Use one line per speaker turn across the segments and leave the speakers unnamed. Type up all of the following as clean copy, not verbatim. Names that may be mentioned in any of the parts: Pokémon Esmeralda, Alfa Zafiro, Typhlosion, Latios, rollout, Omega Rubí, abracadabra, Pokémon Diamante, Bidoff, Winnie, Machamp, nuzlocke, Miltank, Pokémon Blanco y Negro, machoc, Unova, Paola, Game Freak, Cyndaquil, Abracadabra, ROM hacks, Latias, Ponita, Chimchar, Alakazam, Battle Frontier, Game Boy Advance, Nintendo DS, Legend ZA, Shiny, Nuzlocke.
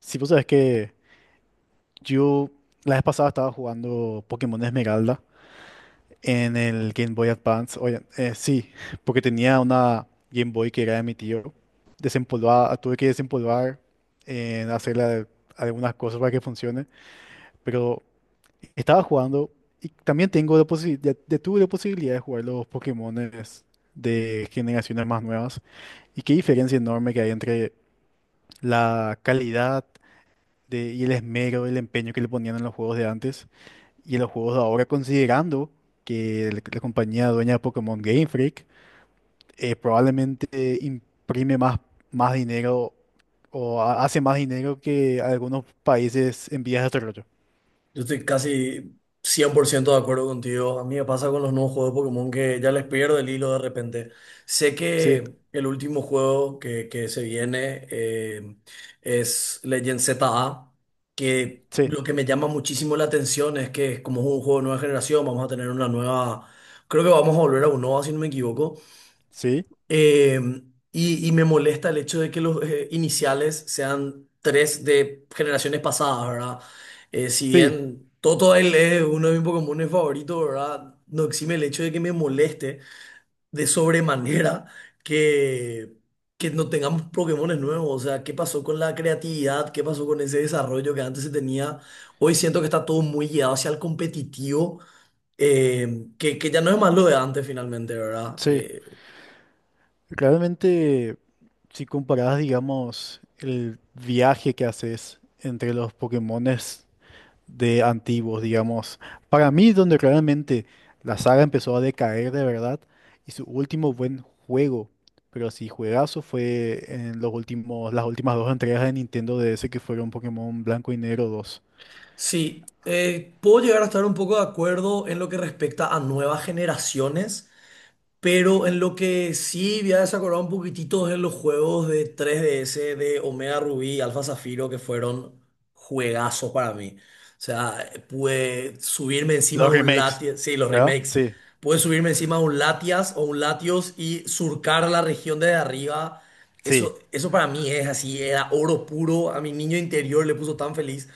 Si vos sabés que yo la vez pasada estaba jugando Pokémon Esmeralda en el Game Boy Advance. Oye, sí, porque tenía una Game Boy que era de mi tío. Desempolvada, tuve que desempolvar, hacerle algunas cosas para que funcione. Pero estaba jugando y también tengo la posibilidad, tuve la posibilidad de jugar los Pokémones de generaciones más nuevas. Y qué diferencia enorme que hay entre la calidad y el esmero, el empeño que le ponían en los juegos de antes y en los juegos de ahora, considerando que la compañía dueña de Pokémon Game Freak, probablemente imprime más, más dinero o hace más dinero que algunos países en vías de desarrollo.
Yo estoy casi 100% de acuerdo contigo. A mí me pasa con los nuevos juegos de Pokémon que ya les pierdo el hilo de repente. Sé
Sí,
que el último juego que se viene es Legend ZA, que
sí,
lo que me llama muchísimo la atención es que como es un juego de nueva generación, vamos a tener una nueva. Creo que vamos a volver a Unova, si no me equivoco.
sí,
Eh, y me molesta el hecho de que los iniciales sean tres de generaciones pasadas, ¿verdad? Si
sí,
bien Toto él es uno de mis Pokémones favoritos, ¿verdad? No exime el hecho de que me moleste de sobremanera que, que no tengamos Pokémones nuevos. O sea, ¿qué pasó con la creatividad? ¿Qué pasó con ese desarrollo que antes se tenía? Hoy siento que está todo muy guiado hacia el competitivo que ya no es más lo de antes finalmente, ¿verdad?
sí. Realmente, si comparas, digamos, el viaje que haces entre los Pokémones de antiguos, digamos. Para mí, es donde realmente la saga empezó a decaer de verdad y su último buen juego, pero sí juegazo, fue en los últimos, las últimas dos entregas de Nintendo DS que fueron Pokémon Blanco y Negro dos.
Sí, puedo llegar a estar un poco de acuerdo en lo que respecta a nuevas generaciones, pero en lo que sí voy a desacordar un poquitito es en los juegos de 3DS de Omega Rubí y Alfa Zafiro que fueron juegazos para mí. O sea, pude subirme encima
Los
de un
remakes,
Latias, sí, los
¿verdad?
remakes,
Sí,
pude subirme encima de un Latias o un Latios y surcar la región desde arriba.
sí,
Eso para mí es así, era oro puro. A mi niño interior le puso tan feliz.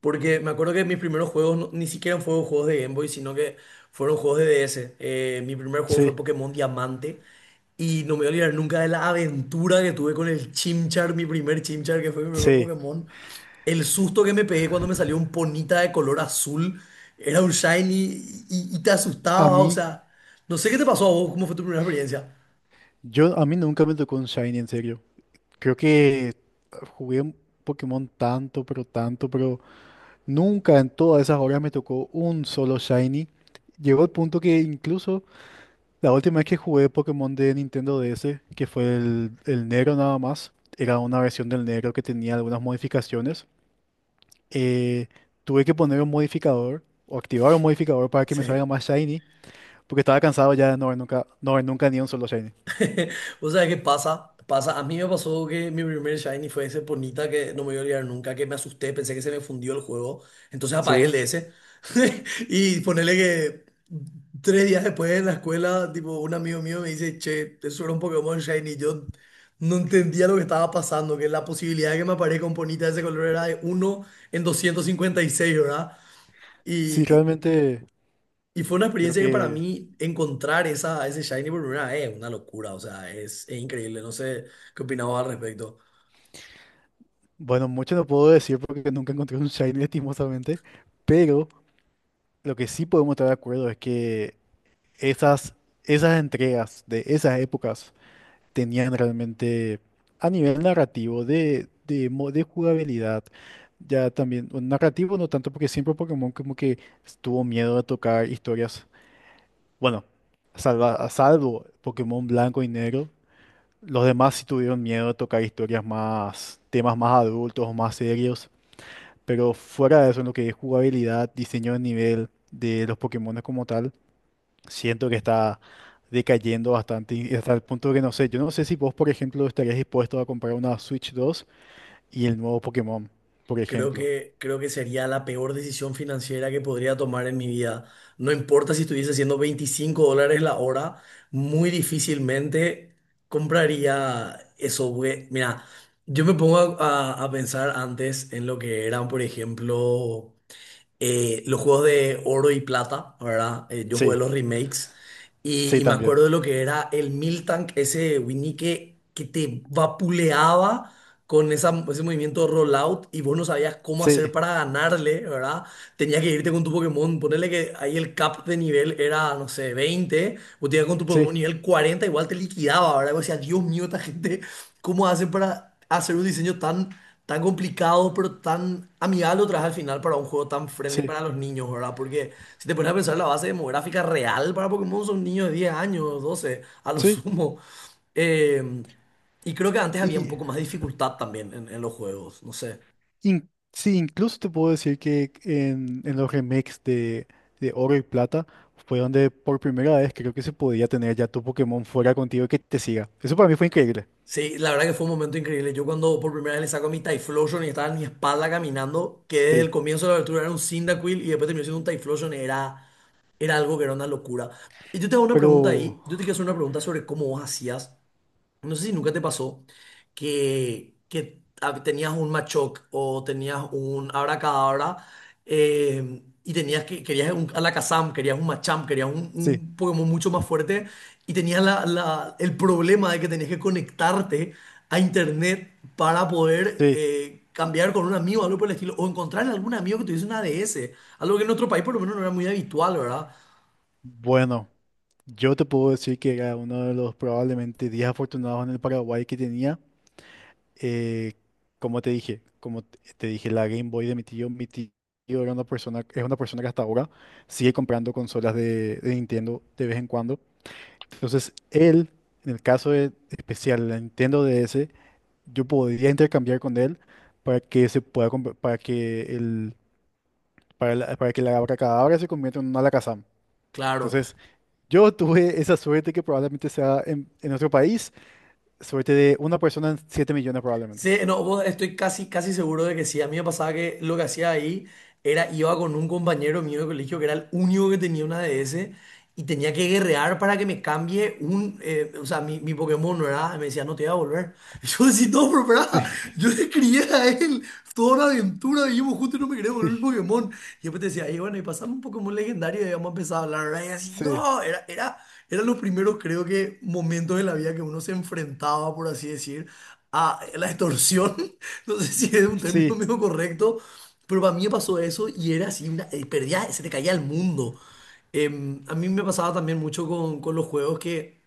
Porque me acuerdo que mis primeros juegos ni siquiera fueron juegos de Game Boy, sino que fueron juegos de DS. Mi primer juego fue
sí,
Pokémon Diamante. Y no me voy a olvidar nunca de la aventura que tuve con el Chimchar, mi primer Chimchar, que fue mi primer
sí.
Pokémon. El susto que me pegué cuando me salió un Ponita de color azul. Era un Shiny y te
A
asustaba. O
mí,
sea, no sé qué te
s-
pasó a vos, cómo fue tu primera experiencia.
yo, a mí nunca me tocó un Shiny, en serio. Creo que jugué un Pokémon tanto, pero nunca en todas esas horas me tocó un solo Shiny. Llegó el punto que incluso la última vez que jugué Pokémon de Nintendo DS, que fue el negro nada más, era una versión del negro que tenía algunas modificaciones, eh, tuve que poner un modificador o activar un modificador para que me
Sí.
salga más Shiny, porque estaba cansado ya de no ver nunca, no ver nunca ni un solo Shiny.
O sea, ¿qué pasa? Pasa, a mí me pasó que mi primer Shiny fue ese Ponita que no me voy a olvidar nunca, que me asusté, pensé que se me fundió el juego, entonces apagué el
Sí,
DS. Y ponele que 3 días después en la escuela, tipo, un amigo mío me dice, che, eso era un Pokémon Shiny, y yo no entendía lo que estaba pasando, que la posibilidad de que me aparezca un Ponita de ese color era de uno en 256, ¿verdad?
sí,
Y
realmente
y fue una
creo
experiencia que para
que,
mí encontrar esa, ese Shiny por primera vez es una locura, o sea, es increíble, no sé qué opinabas al respecto.
bueno, mucho no puedo decir porque nunca encontré un Shiny lastimosamente, pero... Lo que sí podemos estar de acuerdo es que esas, esas entregas de esas épocas tenían realmente a nivel narrativo, de jugabilidad, ya también, bueno, narrativo no tanto porque siempre Pokémon como que tuvo miedo de tocar historias, bueno, a salvo Pokémon blanco y negro, los demás sí tuvieron miedo de tocar historias más, temas más adultos, más serios, pero fuera de eso, en lo que es jugabilidad, diseño de nivel de los Pokémon como tal, siento que está decayendo bastante y hasta el punto que no sé, yo no sé si vos, por ejemplo, estarías dispuesto a comprar una Switch 2 y el nuevo Pokémon, por
Creo
ejemplo.
que, creo que sería la peor decisión financiera que podría tomar en mi vida. No importa si estuviese haciendo $25 la hora, muy difícilmente compraría eso porque, mira, yo me pongo a pensar antes en lo que eran, por ejemplo, los juegos de oro y plata, ¿verdad? Yo jugué
Sí,
los remakes y,
sí
y me
también.
acuerdo de lo que era el Miltank, ese Winnie que te vapuleaba con ese movimiento rollout y vos no sabías cómo
Sí,
hacer para ganarle, ¿verdad? Tenías que irte con tu Pokémon, ponerle que ahí el cap de nivel era, no sé, 20. Vos te ibas con tu
sí,
Pokémon nivel 40 igual te liquidaba, ¿verdad? Vos decías, Dios mío, esta gente, ¿cómo hacen para hacer un diseño tan, tan complicado, pero tan amigable otra vez al final para un juego tan friendly
sí,
para los niños, ¿verdad? Porque si te pones a pensar, la base demográfica real para Pokémon son niños de 10 años, 12 a lo
sí.
sumo. Eh, y creo que antes había un
Y
poco más de dificultad también en los juegos, no sé.
sí, incluso te puedo decir que en los remakes de Oro y Plata fue donde por primera vez creo que se podía tener ya tu Pokémon fuera contigo y que te siga. Eso para mí fue increíble.
Sí, la verdad que fue un momento increíble. Yo cuando por primera vez le saco mi Typhlosion y estaba en mi espalda caminando, que desde el
Sí,
comienzo de la aventura era un Cyndaquil y después terminó siendo un Typhlosion, era algo que era una locura. Y yo te hago una pregunta
pero
ahí, yo te quiero hacer una pregunta sobre cómo vos hacías. No sé si nunca te pasó que tenías un machoc o tenías un abracadabra y tenías que querías un Alakazam, querías un Machamp, querías
sí,
un, Pokémon mucho más fuerte y tenías el problema de que tenías que conectarte a internet para poder
sí.
cambiar con un amigo, algo por el estilo, o encontrar algún amigo que tuviese una ADS, algo que en otro país por lo menos no era muy habitual, ¿verdad?
Bueno. Yo te puedo decir que era uno de los probablemente 10 afortunados en el Paraguay que tenía. eh, como te dije, como te dije, la Game Boy de mi tío era una persona, es una persona que hasta ahora sigue comprando consolas de Nintendo de vez en cuando. Entonces, él, en el caso especial, la Nintendo DS, yo podría intercambiar con él para que se pueda, para que el, para, para que la Abracadabra se convierta en una Alakazam.
Claro.
Entonces, yo tuve esa suerte que probablemente sea en nuestro país, suerte de una persona en 7 millones probablemente.
Sí, no, estoy casi, casi seguro de que sí. A mí me pasaba que lo que hacía ahí era iba con un compañero mío de colegio que era el único que tenía una DS y tenía que guerrear para que me cambie o sea, mi Pokémon no era, me decía, no te voy a volver. Yo decía, no, pero
Sí,
pará, yo le crié a él toda una aventura, vivimos juntos y no me quería volver mi
sí,
Pokémon. Y después te decía, y bueno, y pasame un Pokémon legendario y vamos a empezar a hablar, ¿verdad? Y así,
sí,
no, era. Era lo primero, creo que, momentos de la vida que uno se enfrentaba, por así decir, a la extorsión. No sé si es un término
sí,
medio correcto, pero para mí me pasó eso y era así, perdía, se te caía el mundo. A mí me pasaba también mucho con los juegos que,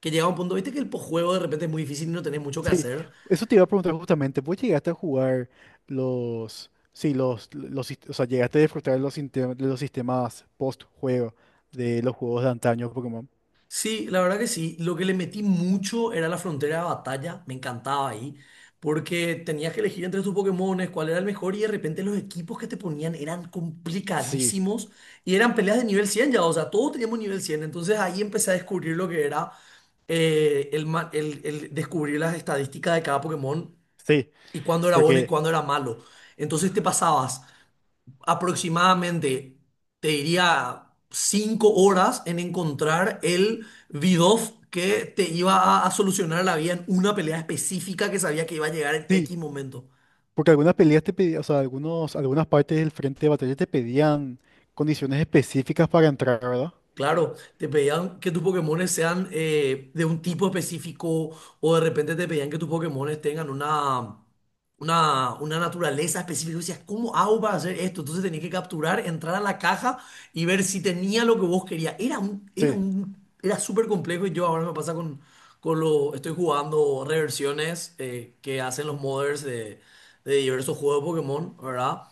que llegaba un punto, viste que el posjuego de repente es muy difícil y no tenés mucho que
sí.
hacer.
Eso te iba a preguntar justamente. ¿Vos llegaste a jugar los, sí, o sea, llegaste a disfrutar de los sistemas post-juego de los juegos de antaño Pokémon?
Sí, la verdad que sí. Lo que le metí mucho era la frontera de batalla. Me encantaba ahí. Porque tenías que elegir entre tus Pokémones cuál era el mejor y de repente los equipos que te ponían eran
Sí,
complicadísimos y eran peleas de nivel 100 ya. O sea, todos teníamos nivel 100. Entonces ahí empecé a descubrir lo que era el descubrir las estadísticas de cada Pokémon
sí,
y cuándo era bueno y
porque,
cuándo era malo. Entonces te pasabas aproximadamente, te diría, 5 horas en encontrar el Bidoff que te iba a solucionar la vida en una pelea específica que sabía que iba a llegar en
sí,
X momento.
porque algunas peleas te pedían, o sea, algunos, algunas partes del frente de batalla te pedían condiciones específicas para entrar, ¿verdad?
Claro, te pedían que tus Pokémones sean de un tipo específico o de repente te pedían que tus Pokémones tengan una naturaleza específica. Y decías, ¿cómo hago para hacer esto? Entonces tenías que capturar, entrar a la caja y ver si tenía lo que vos querías. Era un, era
Sí,
un, era súper complejo y yo ahora me pasa estoy jugando reversiones que hacen los modders de diversos juegos de Pokémon, ¿verdad?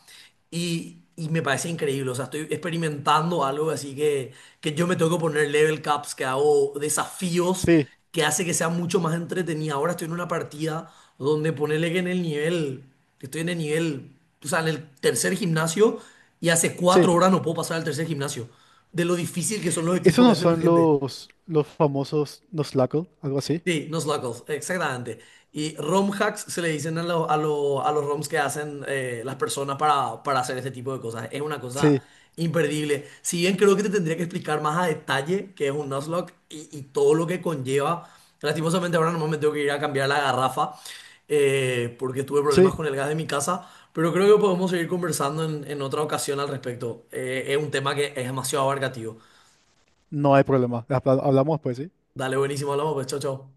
Y me parece increíble, o sea, estoy experimentando algo así que yo me tengo que poner level caps, que hago desafíos
sí.
que hace que sea mucho más entretenida. Ahora estoy en una partida donde ponele que estoy en el nivel, o sea, en el tercer gimnasio y hace
Sí,
4 horas no puedo pasar al tercer gimnasio. De lo difícil que son los
esos
equipos que
no
hace la
son
gente.
los famosos Nuzlocke, algo así.
Sí, nuslocals, exactamente. Y ROM hacks se le dicen a los ROMs que hacen las personas para hacer este tipo de cosas. Es una cosa
Sí,
imperdible. Si bien creo que te tendría que explicar más a detalle qué es un nuzlocke y todo lo que conlleva. Lastimosamente ahora nomás me tengo que ir a cambiar la garrafa porque tuve
sí,
problemas con el gas de mi casa. Pero creo que podemos seguir conversando en otra ocasión al respecto. Es un tema que es demasiado abarcativo.
no hay problema. Hablamos pues, ¿sí?
Dale, buenísimo, hablamos pues, chao, chao.